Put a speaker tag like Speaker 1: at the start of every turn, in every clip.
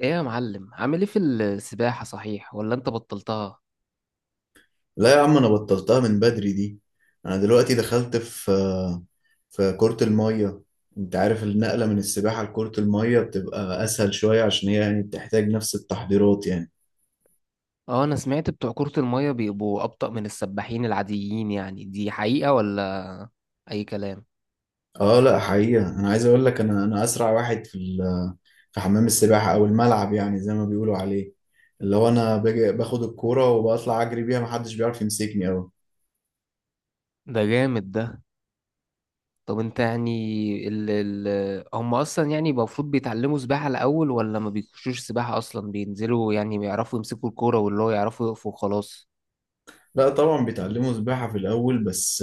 Speaker 1: ايه يا معلم، عامل ايه في السباحة؟ صحيح ولا انت بطلتها؟
Speaker 2: لا يا عم، انا بطلتها من بدري دي. انا دلوقتي دخلت في كرة المية. انت عارف النقلة من السباحة لكرة المية بتبقى اسهل شوية، عشان هي يعني بتحتاج نفس التحضيرات يعني.
Speaker 1: اه، انا سمعت بتوع كرة المية بيبقوا ابطأ من السباحين العاديين، يعني دي حقيقة ولا اي كلام؟
Speaker 2: اه، لا، حقيقة. انا عايز اقول لك، انا اسرع واحد في حمام السباحة او الملعب، يعني زي ما بيقولوا عليه. اللي هو انا باجي باخد الكورة وبطلع اجري بيها، محدش بيعرف يمسكني اوي.
Speaker 1: ده جامد ده. طب انت يعني ال ال هم اصلا يعني المفروض بيتعلموا سباحة الاول ولا ما بيخشوش سباحة اصلا، بينزلوا يعني بيعرفوا يمسكوا الكورة واللي هو يعرفوا يقفوا وخلاص؟
Speaker 2: لا طبعا بيتعلموا سباحة في الاول. بس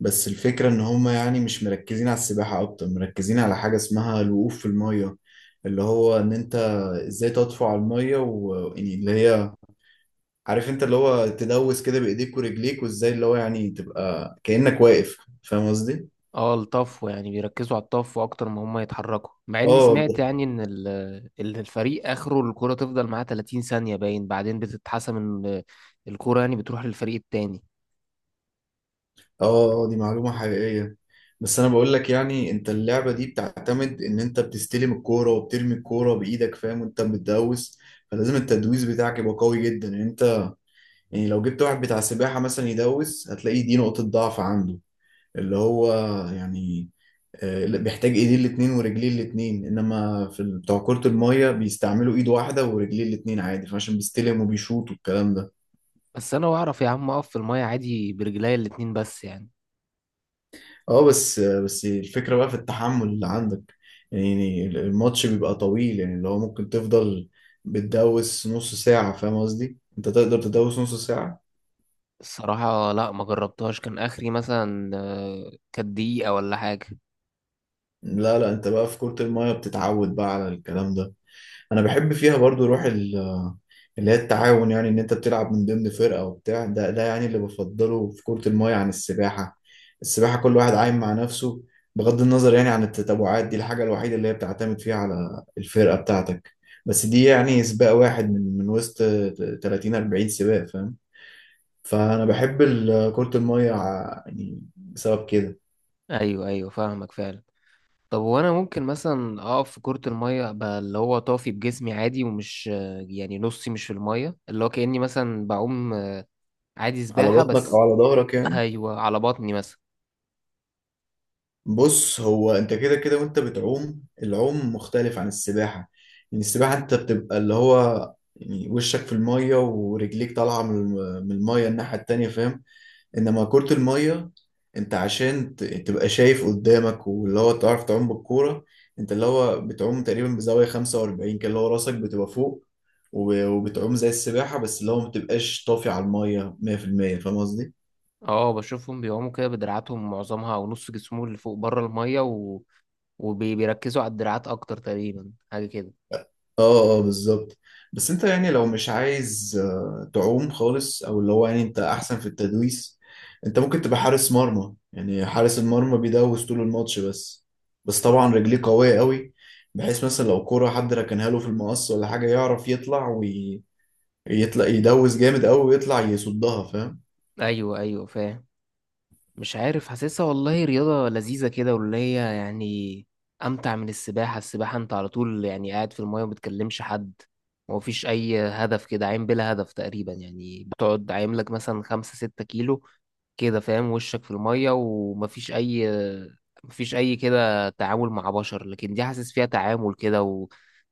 Speaker 2: بس الفكرة إن هما يعني مش مركزين على السباحة، أكتر مركزين على حاجة اسمها الوقوف في المية. اللي هو إن أنت، إزاي تطفو على المية يعني اللي هي، عارف أنت اللي هو تدوس كده بإيديك ورجليك، وإزاي اللي هو يعني تبقى كأنك واقف. فاهم قصدي؟
Speaker 1: اه الطفو، يعني بيركزوا على الطفو اكتر ما هم يتحركوا، مع اني
Speaker 2: آه،
Speaker 1: سمعت
Speaker 2: آه،
Speaker 1: يعني ان الفريق اخره الكرة تفضل معاه 30 ثانية باين، بعدين بتتحسم ان الكرة يعني بتروح للفريق التاني.
Speaker 2: آه، دي معلومة حقيقية. بس أنا بقول لك، يعني أنت اللعبة دي بتعتمد إن أنت بتستلم الكورة وبترمي الكورة بإيدك، فاهم، وأنت بتدوس. فلازم التدويس بتاعك يبقى قوي جدا يعني. يعني لو جبت واحد بتاع سباحة مثلا يدوس، هتلاقي دي نقطة ضعف عنده. اللي هو يعني، بيحتاج ايديه الاتنين ورجليه الاتنين، انما بتوع كرة المية بيستعملوا ايد واحدة ورجليه الاتنين عادي، فعشان بيستلم وبيشوط والكلام ده.
Speaker 1: بس انا بعرف يا عم اقف في المية عادي برجليا الاتنين بس يعني.
Speaker 2: اه، بس الفكرة بقى في التحمل اللي عندك. يعني الماتش بيبقى طويل، يعني اللي هو ممكن تفضل بتدوس نص ساعة. فاهم قصدي؟ انت تقدر تدوس نص ساعة؟
Speaker 1: الصراحة لا، ما جربتهاش، كان اخري مثلا كانت دقيقة ولا حاجة.
Speaker 2: لا، لا، انت بقى في كرة المية بتتعود بقى على الكلام ده. انا بحب فيها برضو روح اللي هي التعاون. يعني ان انت بتلعب من ضمن فرقة وبتاع ده يعني اللي بفضله في كرة الماية عن السباحة. السباحة كل واحد عايم مع نفسه، بغض النظر يعني عن التتابعات. دي الحاجة الوحيدة اللي هي بتعتمد فيها على الفرقة بتاعتك. بس دي يعني سباق واحد من وسط 30 40 سباق، فاهم. فانا بحب كرة الماية يعني بسبب كده.
Speaker 1: ايوه ايوه، فاهمك فعلا. طب وانا ممكن مثلا اقف في كرة المية ابقى اللي هو طافي بجسمي عادي ومش يعني نصي مش في المية، اللي هو كأني مثلا بعوم عادي
Speaker 2: على
Speaker 1: سباحة
Speaker 2: بطنك او
Speaker 1: بس.
Speaker 2: على ظهرك يعني.
Speaker 1: أيوة، على بطني مثلا.
Speaker 2: بص، هو انت كده كده وانت بتعوم، العوم مختلف عن السباحة. يعني السباحة انت بتبقى اللي هو يعني وشك في المية، ورجليك طالعة من المية الناحية التانية، فاهم. انما كرة المية، انت عشان تبقى شايف قدامك، واللي هو تعرف تعوم بالكورة. انت اللي هو بتعوم تقريبا بزاوية 45 كده، اللي هو راسك بتبقى فوق، وبتعوم زي السباحة، بس اللي هو ما بتبقاش طافي على المية 100%. فاهم قصدي؟
Speaker 1: اه بشوفهم بيقوموا كده بدراعاتهم معظمها أو نص جسمهم اللي فوق بره المية وبيركزوا على الدراعات أكتر، تقريبا حاجة كده.
Speaker 2: اه، اه، بالظبط. بس انت يعني لو مش عايز تعوم خالص، او اللي هو يعني انت احسن في التدويس، انت ممكن تبقى حارس مرمى. يعني حارس المرمى بيدوس طول الماتش. بس طبعا رجليه قوية قوي، بحيث مثلا لو كرة حد ركنها له في المقص ولا حاجة، يعرف يطلع، ويطلع يدوس جامد قوي ويطلع يصدها، فاهم.
Speaker 1: أيوة أيوة فاهم. مش عارف حاسسها والله رياضة لذيذة كده، واللي هي يعني أمتع من السباحة. السباحة أنت على طول يعني قاعد في المية ومبتكلمش حد ومفيش أي هدف، كده عايم بلا هدف تقريبا، يعني بتقعد عايم لك مثلا 5 6 كيلو كده فاهم، وشك في المية ومفيش أي مفيش أي كده تعامل مع بشر، لكن دي حاسس فيها تعامل كده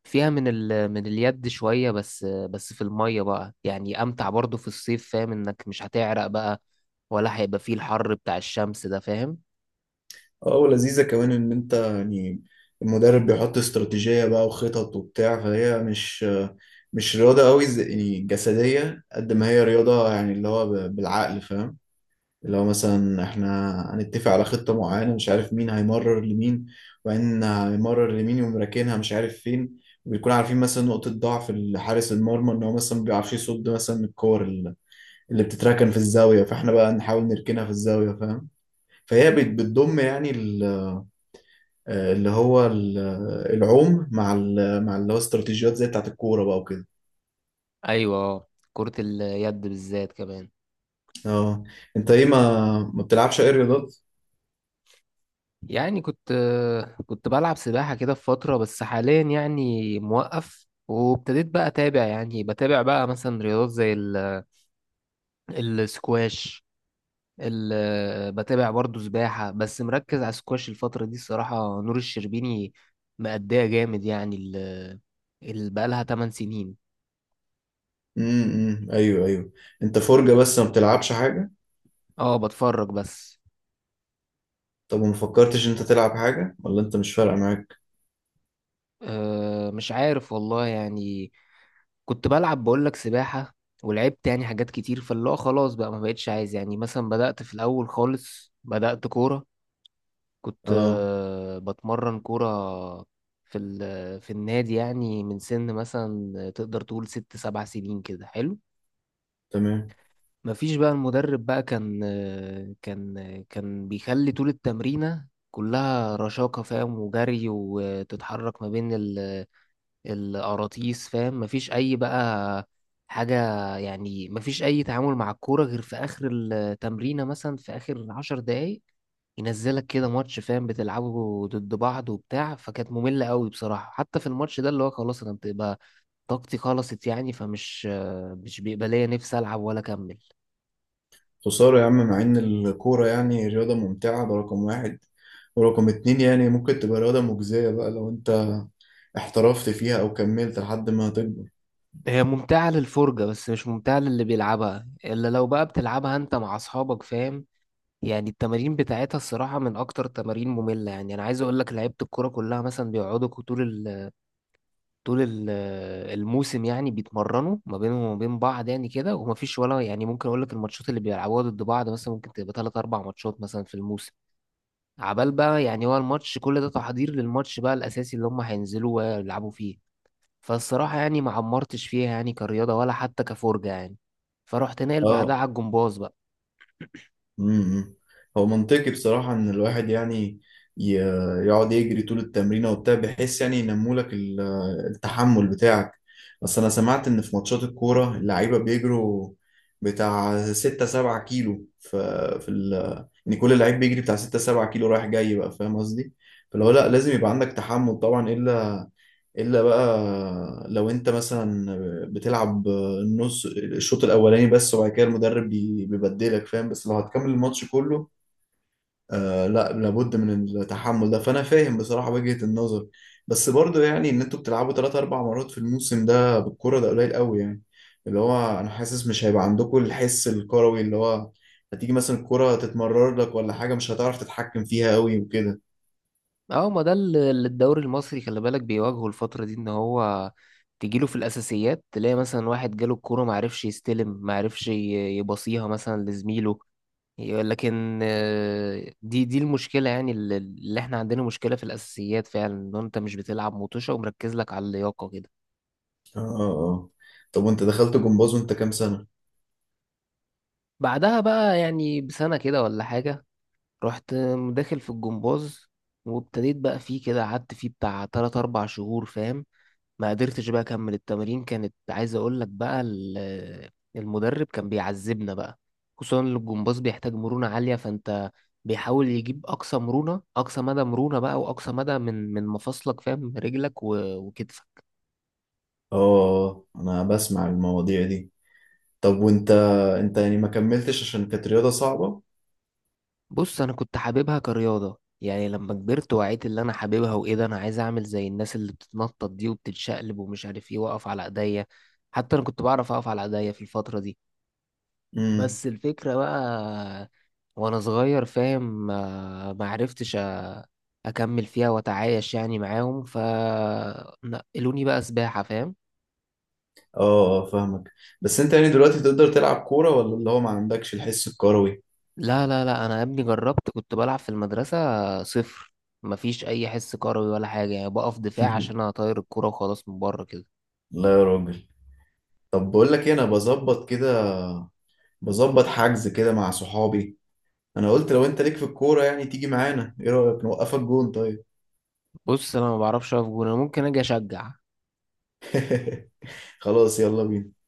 Speaker 1: وفيها من اليد شوية، بس بس في المية بقى يعني أمتع برضو في الصيف، فاهم إنك مش هتعرق بقى ولا هيبقى فيه الحر بتاع الشمس ده، فاهم.
Speaker 2: اه، ولذيذة كمان ان انت يعني المدرب بيحط استراتيجية بقى وخطط وبتاع، فهي مش رياضة قوي يعني جسدية قد ما هي رياضة، يعني اللي هو بالعقل، فاهم. اللي هو مثلا احنا هنتفق على خطة معينة، مش عارف مين هيمرر لمين، وبعدين هيمرر لمين يقوم راكنها مش عارف فين. وبيكون عارفين مثلا نقطة ضعف حارس المرمى، ان هو مثلا ما بيعرفش يصد مثلا من الكور اللي بتتركن في الزاوية، فاحنا بقى نحاول نركنها في الزاوية، فاهم. فهي بتضم يعني، اللي هو العوم مع اللي هو استراتيجيات زي بتاعت الكورة بقى وكده.
Speaker 1: أيوة، كرة اليد بالذات كمان.
Speaker 2: اه، انت ايه، ما بتلعبش اي رياضات؟
Speaker 1: يعني كنت بلعب سباحة كده في فترة بس حاليا يعني موقف، وابتديت بقى أتابع يعني بتابع بقى مثلا رياضات زي السكواش. بتابع برضو سباحة بس مركز على السكواش الفترة دي الصراحة. نور الشربيني مأدية جامد، يعني بقالها 8 سنين.
Speaker 2: ايوه، ايوه. انت فرجة بس ما بتلعبش حاجة؟
Speaker 1: اه بتفرج بس.
Speaker 2: طب وما فكرتش انت تلعب حاجة، ولا انت مش فارقة معاك؟
Speaker 1: أه مش عارف والله يعني، كنت بلعب بقولك سباحة ولعبت يعني حاجات كتير، فاللي هو خلاص بقى ما بقتش عايز، يعني مثلا بدأت في الأول خالص بدأت كورة. كنت
Speaker 2: اه.
Speaker 1: بتمرن كورة في النادي يعني من سن مثلا تقدر تقول 6 7 سنين كده حلو.
Speaker 2: تمام.
Speaker 1: مفيش بقى، المدرب بقى كان كان بيخلي طول التمرينة كلها رشاقة فاهم، وجري وتتحرك ما بين القراطيس فاهم، مفيش اي بقى حاجة. يعني مفيش اي تعامل مع الكورة غير في اخر التمرينة، مثلا في اخر 10 دقايق ينزلك كده ماتش، فاهم، بتلعبه ضد بعض وبتاع، فكانت مملة قوي بصراحة، حتى في الماتش ده اللي هو خلاص انا بتبقى طاقتي خلصت يعني مش بيبقى ليا نفسي العب ولا اكمل.
Speaker 2: خسارة يا عم، مع ان الكورة يعني رياضة ممتعة، ده رقم واحد، ورقم اتنين يعني ممكن تبقى رياضة مجزية بقى لو انت احترفت فيها او كملت لحد ما تكبر.
Speaker 1: هي ممتعة للفرجة بس مش ممتعة للي بيلعبها، إلا لو بقى بتلعبها أنت مع أصحابك، فاهم. يعني التمارين بتاعتها الصراحة من أكتر التمارين مملة، يعني أنا عايز أقول لك لعيبة الكورة كلها مثلا بيقعدوا طول ال طول ال الموسم يعني بيتمرنوا ما بينهم وما بين بعض يعني كده، ومفيش ولا يعني، ممكن أقول لك الماتشات اللي بيلعبوها ضد بعض مثلا ممكن تبقى 3 4 ماتشات مثلا في الموسم. عبال بقى، يعني هو الماتش كل ده تحضير للماتش بقى الأساسي اللي هم هينزلوا ويلعبوا فيه. فالصراحة يعني ما عمرتش فيها يعني كرياضة ولا حتى كفرجة يعني. فرحت ناقل بعدها
Speaker 2: اه.
Speaker 1: على الجمباز.
Speaker 2: امم هو منطقي بصراحة إن الواحد يعني ي- يقعد يجري طول التمرين وبتاع، بحيث يعني ينمولك التحمل بتاعك. بس أنا سمعت إن في ماتشات الكورة اللعيبة بيجروا بتاع ستة سبعة كيلو، ف- في ال إن كل لعيب بيجري بتاع ستة سبعة كيلو رايح جاي بقى. فاهم قصدي؟ فلو لأ لازم يبقى عندك تحمل طبعا، إلا بقى لو انت مثلا بتلعب النص، الشوط الاولاني بس، وبعد كده المدرب بيبدلك، فاهم. بس لو هتكمل الماتش كله، آه، لا لابد من التحمل ده. فانا فاهم بصراحة وجهة النظر. بس برضو يعني ان انتوا بتلعبوا ثلاث اربع مرات في الموسم، ده بالكرة ده قليل قوي يعني. اللي هو انا حاسس مش هيبقى عندكم الحس الكروي، اللي هو هتيجي مثلا الكرة تتمرر لك ولا حاجة، مش هتعرف تتحكم فيها قوي وكده.
Speaker 1: اه، ما ده اللي اللي الدوري المصري خلي بالك بيواجهه الفترة دي، ان هو تجيله في الأساسيات تلاقي مثلا واحد جاله الكورة معرفش يستلم معرفش يبصيها مثلا لزميله. لكن دي المشكلة يعني اللي احنا عندنا مشكلة في الأساسيات فعلا، ان انت مش بتلعب مطوشة ومركز لك على اللياقة كده.
Speaker 2: اه، اه، آه. طب وانت دخلت جمباز وانت كام سنة؟
Speaker 1: بعدها بقى يعني بسنة كده ولا حاجة. رحت داخل في الجمباز، وابتديت بقى فيه كده، قعدت فيه بتاع 3 4 شهور فاهم، ما قدرتش بقى اكمل التمرين، كانت عايز اقول لك بقى المدرب كان بيعذبنا بقى، خصوصا إن الجمباز بيحتاج مرونة عالية، فانت بيحاول يجيب اقصى مرونة، اقصى مدى مرونة بقى واقصى مدى من مفاصلك فاهم، رجلك وكتفك.
Speaker 2: اه، انا بسمع المواضيع دي. طب وانت، انت يعني ما كملتش عشان كانت رياضة صعبة؟
Speaker 1: بص انا كنت حاببها كرياضة، يعني لما كبرت وعيت اللي انا حاببها، وايه ده انا عايز اعمل زي الناس اللي بتتنطط دي وبتتشقلب ومش عارف ايه، واقف على ايديا. حتى انا كنت بعرف اقف على ايديا في الفترة دي.
Speaker 2: امم.
Speaker 1: بس الفكرة بقى وانا صغير فاهم، ما عرفتش اكمل فيها واتعايش يعني معاهم، فنقلوني بقى سباحة، فاهم.
Speaker 2: اه، آه، فاهمك. بس انت يعني دلوقتي تقدر تلعب كورة، ولا اللي هو ما عندكش الحس الكروي؟
Speaker 1: لا لا لا، انا يا ابني جربت كنت بلعب في المدرسة صفر، مفيش اي حس كروي ولا حاجة، يعني بقف دفاع عشان اطير الكرة وخلاص من بره كده.
Speaker 2: لا يا راجل. طب بقول لك ايه، انا بظبط كده، بظبط حجز كده مع صحابي. انا قلت لو انت ليك في الكورة يعني تيجي معانا. ايه رأيك نوقفك جون؟ طيب.
Speaker 1: بص انا ما بعرفش اقف جون، انا ممكن اجي اشجع.
Speaker 2: خلاص، يلا بينا.